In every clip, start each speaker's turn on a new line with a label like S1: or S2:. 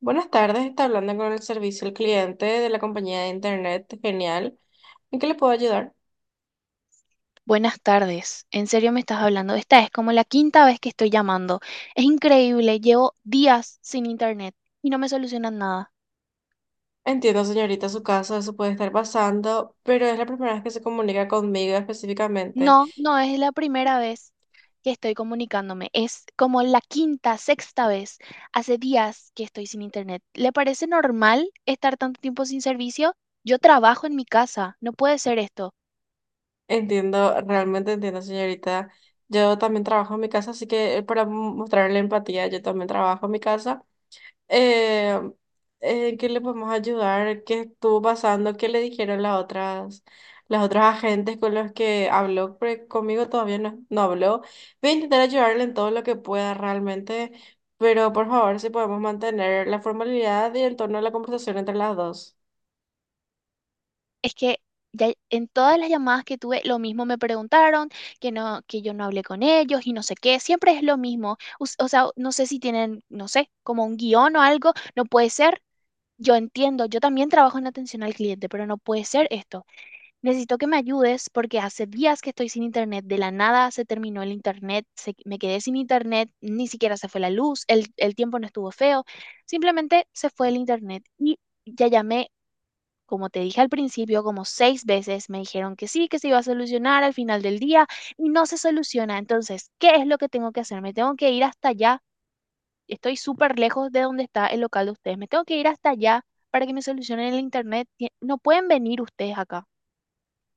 S1: Buenas tardes, está hablando con el servicio al cliente de la compañía de internet. Genial. ¿En qué le puedo ayudar?
S2: Buenas tardes. ¿En serio me estás hablando? Esta es como la quinta vez que estoy llamando. Es increíble, llevo días sin internet y no me solucionan nada.
S1: Entiendo, señorita, su caso, eso puede estar pasando, pero es la primera vez que se comunica conmigo específicamente.
S2: No, no es la primera vez que estoy comunicándome. Es como la quinta, sexta vez. Hace días que estoy sin internet. ¿Le parece normal estar tanto tiempo sin servicio? Yo trabajo en mi casa. No puede ser esto.
S1: Entiendo, realmente entiendo, señorita. Yo también trabajo en mi casa, así que para mostrarle empatía, yo también trabajo en mi casa. Eh, ¿Qué le podemos ayudar? ¿Qué estuvo pasando? ¿Qué le dijeron las otras agentes con los que habló? Porque conmigo todavía no habló. Voy a intentar ayudarle en todo lo que pueda realmente, pero por favor, si podemos mantener la formalidad y el tono de la conversación entre las dos.
S2: Es que ya en todas las llamadas que tuve, lo mismo me preguntaron, que no, que yo no hablé con ellos y no sé qué, siempre es lo mismo. O sea, no sé si tienen, no sé, como un guión o algo, no puede ser. Yo entiendo, yo también trabajo en atención al cliente, pero no puede ser esto. Necesito que me ayudes porque hace días que estoy sin internet, de la nada se terminó el internet, me quedé sin internet, ni siquiera se fue la luz, el tiempo no estuvo feo, simplemente se fue el internet y ya llamé como te dije al principio, como seis veces me dijeron que sí, que se iba a solucionar al final del día y no se soluciona. Entonces, ¿qué es lo que tengo que hacer? Me tengo que ir hasta allá. Estoy súper lejos de donde está el local de ustedes. Me tengo que ir hasta allá para que me solucionen el internet. No pueden venir ustedes acá.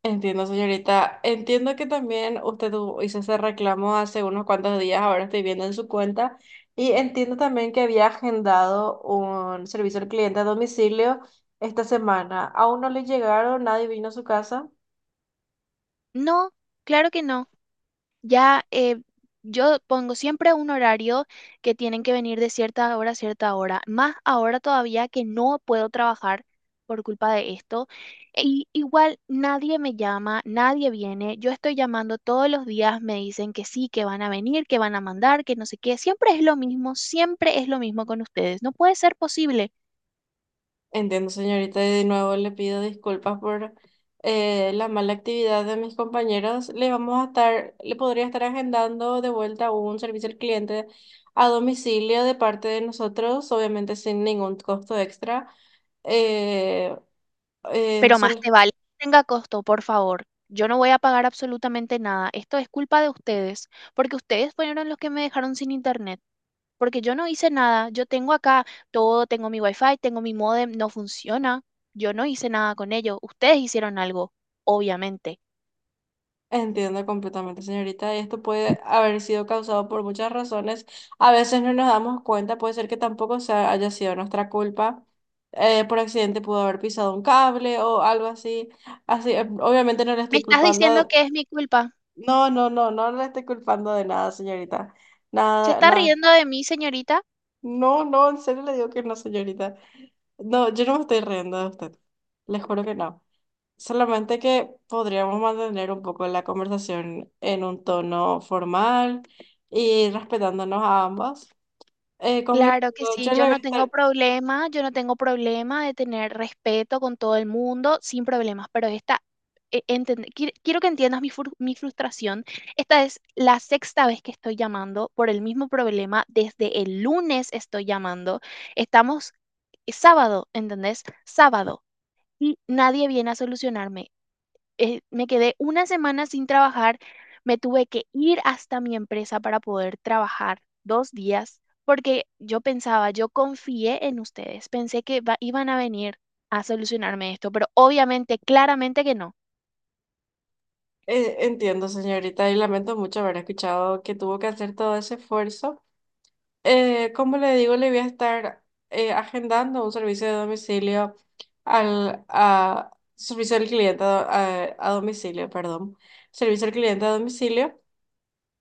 S1: Entiendo, señorita. Entiendo que también usted hizo ese reclamo hace unos cuantos días, ahora estoy viendo en su cuenta, y entiendo también que había agendado un servicio al cliente a domicilio esta semana. Aún no le llegaron, nadie vino a su casa.
S2: No, claro que no. Ya yo pongo siempre un horario que tienen que venir de cierta hora a cierta hora, más ahora todavía que no puedo trabajar por culpa de esto. Y igual nadie me llama, nadie viene. Yo estoy llamando todos los días, me dicen que sí, que van a venir, que van a mandar, que no sé qué. Siempre es lo mismo, siempre es lo mismo con ustedes. No puede ser posible.
S1: Entiendo, señorita, y de nuevo le pido disculpas por la mala actividad de mis compañeros. Le vamos a estar, le podría estar agendando de vuelta un servicio al cliente a domicilio de parte de nosotros, obviamente sin ningún costo extra. Eh, eh,
S2: Pero más
S1: solo-
S2: te vale que tenga costo, por favor. Yo no voy a pagar absolutamente nada. Esto es culpa de ustedes, porque ustedes fueron los que me dejaron sin internet, porque yo no hice nada. Yo tengo acá todo, tengo mi wifi, tengo mi modem no funciona. Yo no hice nada con ello. Ustedes hicieron algo, obviamente.
S1: Entiendo completamente, señorita. Y esto puede haber sido causado por muchas razones. A veces no nos damos cuenta, puede ser que tampoco haya sido nuestra culpa. Por accidente pudo haber pisado un cable o algo así. Así, obviamente no le
S2: ¿Me
S1: estoy
S2: estás
S1: culpando.
S2: diciendo que es mi culpa?
S1: No, no, no, no le estoy culpando de nada, señorita.
S2: ¿Se
S1: Nada,
S2: está
S1: nada.
S2: riendo de mí, señorita?
S1: No, no, en serio le digo que no, señorita. No, yo no me estoy riendo de usted. Les juro que no. Solamente que podríamos mantener un poco la conversación en un tono formal y respetándonos a ambas. Como le
S2: Claro que
S1: digo, yo
S2: sí,
S1: le
S2: yo
S1: voy a
S2: no tengo
S1: estar,
S2: problema, yo no tengo problema de tener respeto con todo el mundo, sin problemas, pero esta, quiero que entiendas mi frustración. Esta es la sexta vez que estoy llamando por el mismo problema, desde el lunes estoy llamando, estamos sábado, ¿entendés? Sábado, y nadie viene a solucionarme me quedé una semana sin trabajar, me tuve que ir hasta mi empresa para poder trabajar dos días, porque yo pensaba, yo confié en ustedes, iban a venir a solucionarme esto, pero obviamente, claramente que no.
S1: entiendo, señorita, y lamento mucho haber escuchado que tuvo que hacer todo ese esfuerzo. Como le digo, le voy a estar agendando un servicio de domicilio servicio al cliente a domicilio, perdón, servicio al cliente a domicilio.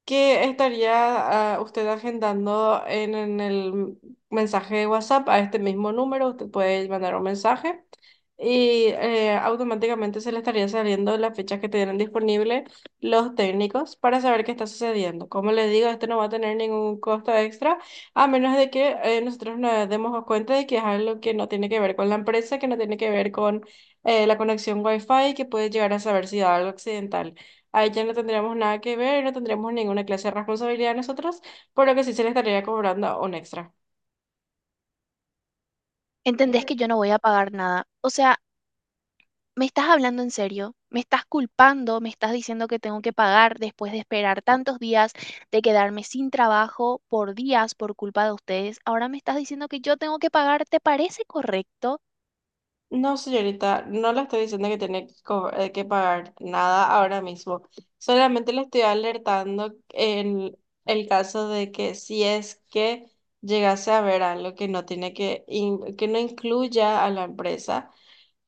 S1: ¿Qué estaría usted agendando en el mensaje de WhatsApp a este mismo número? Usted puede mandar un mensaje y automáticamente se le estaría saliendo las fechas que tienen disponible los técnicos para saber qué está sucediendo. Como les digo, este no va a tener ningún costo extra, a menos de que nosotros nos demos cuenta de que es algo que no tiene que ver con la empresa, que no tiene que ver con la conexión Wi-Fi, que puede llegar a saber si da algo accidental. Ahí ya no tendríamos nada que ver, no tendríamos ninguna clase de responsabilidad nosotros, por lo que sí se le estaría cobrando un extra.
S2: ¿Entendés que yo no voy a pagar nada? O sea, ¿me estás hablando en serio? ¿Me estás culpando? ¿Me estás diciendo que tengo que pagar después de esperar tantos días, de quedarme sin trabajo por días por culpa de ustedes? Ahora me estás diciendo que yo tengo que pagar. ¿Te parece correcto?
S1: No, señorita, no le estoy diciendo que tiene que, que pagar nada ahora mismo. Solamente le estoy alertando en el caso de que si es que llegase a ver algo que no tiene que, que no incluya a la empresa,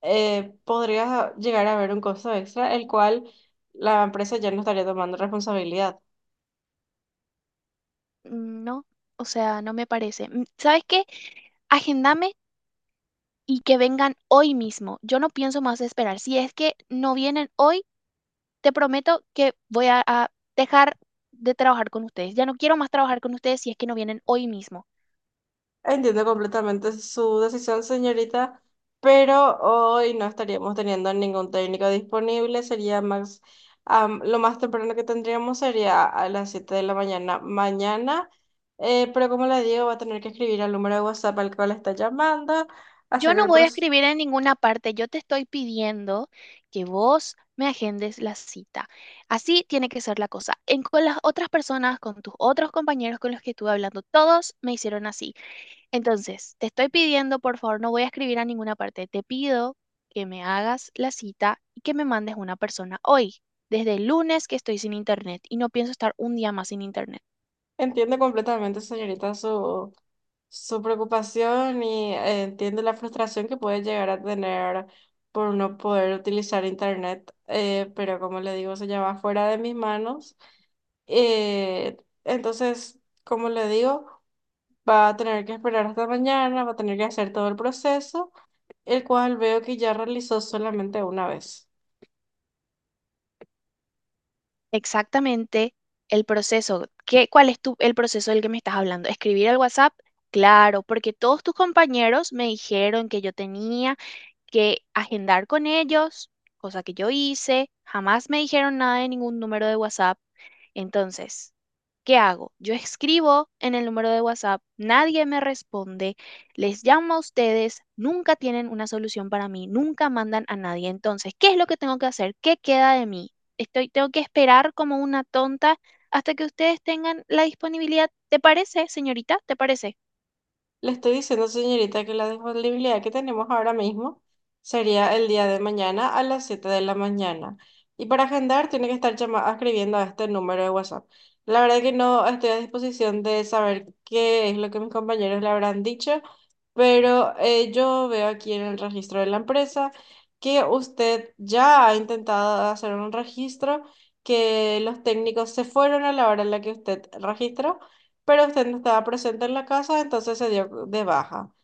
S1: podría llegar a haber un costo extra, el cual la empresa ya no estaría tomando responsabilidad.
S2: No, o sea, no me parece. ¿Sabes qué? Agendame y que vengan hoy mismo. Yo no pienso más esperar. Si es que no vienen hoy, te prometo que a dejar de trabajar con ustedes. Ya no quiero más trabajar con ustedes si es que no vienen hoy mismo.
S1: Entiendo completamente su decisión, señorita, pero hoy no estaríamos teniendo ningún técnico disponible. Sería más, lo más temprano que tendríamos sería a las 7 de la mañana mañana. Pero como le digo, va a tener que escribir al número de WhatsApp al cual está llamando,
S2: Yo
S1: hacer
S2: no
S1: el
S2: voy a
S1: proceso.
S2: escribir en ninguna parte. Yo te estoy pidiendo que vos me agendes la cita. Así tiene que ser la cosa. En, con las otras personas, con tus otros compañeros con los que estuve hablando, todos me hicieron así. Entonces, te estoy pidiendo, por favor, no voy a escribir a ninguna parte. Te pido que me hagas la cita y que me mandes una persona hoy, desde el lunes que estoy sin internet y no pienso estar un día más sin internet.
S1: Entiendo completamente, señorita, su preocupación y entiendo la frustración que puede llegar a tener por no poder utilizar internet, pero como le digo, se llama fuera de mis manos. Eh, entonces, como le digo, va a tener que esperar hasta mañana, va a tener que hacer todo el proceso, el cual veo que ya realizó solamente una vez.
S2: Exactamente el proceso. ¿Cuál es el proceso del que me estás hablando? ¿Escribir al WhatsApp? Claro, porque todos tus compañeros me dijeron que yo tenía que agendar con ellos, cosa que yo hice. Jamás me dijeron nada de ningún número de WhatsApp. Entonces, ¿qué hago? Yo escribo en el número de WhatsApp, nadie me responde, les llamo a ustedes, nunca tienen una solución para mí, nunca mandan a nadie. Entonces, ¿qué es lo que tengo que hacer? ¿Qué queda de mí? Estoy, tengo que esperar como una tonta hasta que ustedes tengan la disponibilidad. ¿Te parece, señorita? ¿Te parece?
S1: Le estoy diciendo, señorita, que la disponibilidad que tenemos ahora mismo sería el día de mañana a las 7 de la mañana. Y para agendar tiene que estar escribiendo a este número de WhatsApp. La verdad que no estoy a disposición de saber qué es lo que mis compañeros le habrán dicho, pero yo veo aquí en el registro de la empresa que usted ya ha intentado hacer un registro, que los técnicos se fueron a la hora en la que usted registró pero usted no estaba presente en la casa, entonces se dio de baja.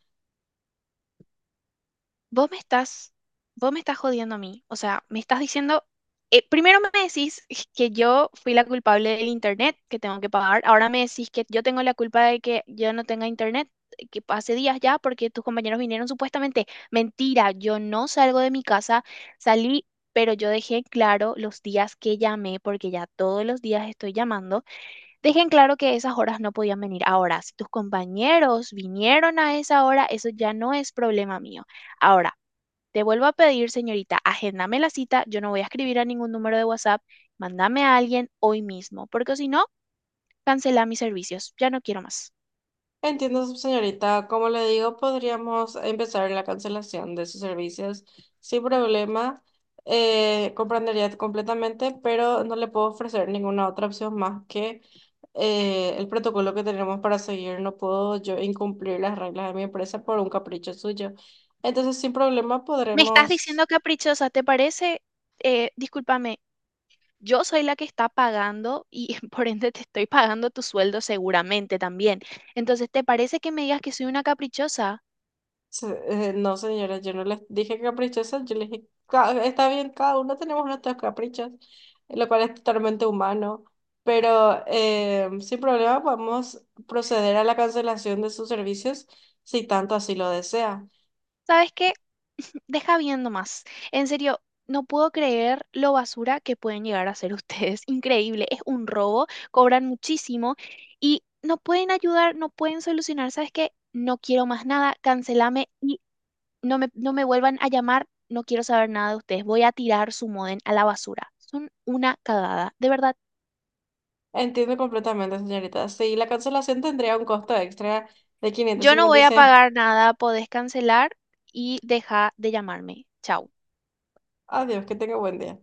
S2: vos me estás, Vos me estás jodiendo a mí. O sea, me estás diciendo, primero me decís que yo fui la culpable del internet, que tengo que pagar. Ahora me decís que yo tengo la culpa de que yo no tenga internet, que hace días ya, porque tus compañeros vinieron supuestamente. Mentira, yo no salgo de mi casa, salí. Pero yo dejé en claro los días que llamé, porque ya todos los días estoy llamando, dejé en claro que esas horas no podían venir. Ahora, si tus compañeros vinieron a esa hora, eso ya no es problema mío. Ahora, te vuelvo a pedir, señorita, agéndame la cita, yo no voy a escribir a ningún número de WhatsApp, mándame a alguien hoy mismo, porque si no, cancela mis servicios, ya no quiero más.
S1: Entiendo, señorita. Como le digo, podríamos empezar la cancelación de sus servicios sin problema. Comprendería completamente, pero no le puedo ofrecer ninguna otra opción más que el protocolo que tenemos para seguir. No puedo yo incumplir las reglas de mi empresa por un capricho suyo. Entonces, sin problema,
S2: ¿Me estás
S1: podremos.
S2: diciendo caprichosa, ¿te parece? Discúlpame, yo soy la que está pagando y por ende te estoy pagando tu sueldo seguramente también. Entonces, ¿te parece que me digas que soy una caprichosa?
S1: No, señora, yo no les dije caprichosas, yo les dije, "Está bien, cada uno tenemos nuestros caprichos, lo cual es totalmente humano, pero sin problema podemos proceder a la cancelación de sus servicios si tanto así lo desea".
S2: ¿Sabes qué? Deja viendo más. En serio, no puedo creer lo basura que pueden llegar a ser ustedes. Increíble, es un robo, cobran muchísimo y no pueden ayudar, no pueden solucionar. ¿Sabes qué? No quiero más nada, cancelame y no me vuelvan a llamar, no quiero saber nada de ustedes. Voy a tirar su modem a la basura. Son una cagada, de verdad.
S1: Entiendo completamente, señorita. Sí, la cancelación tendría un costo extra de
S2: Yo no voy a
S1: 556.
S2: pagar nada, podés cancelar y deja de llamarme. Chao.
S1: Adiós, que tenga buen día.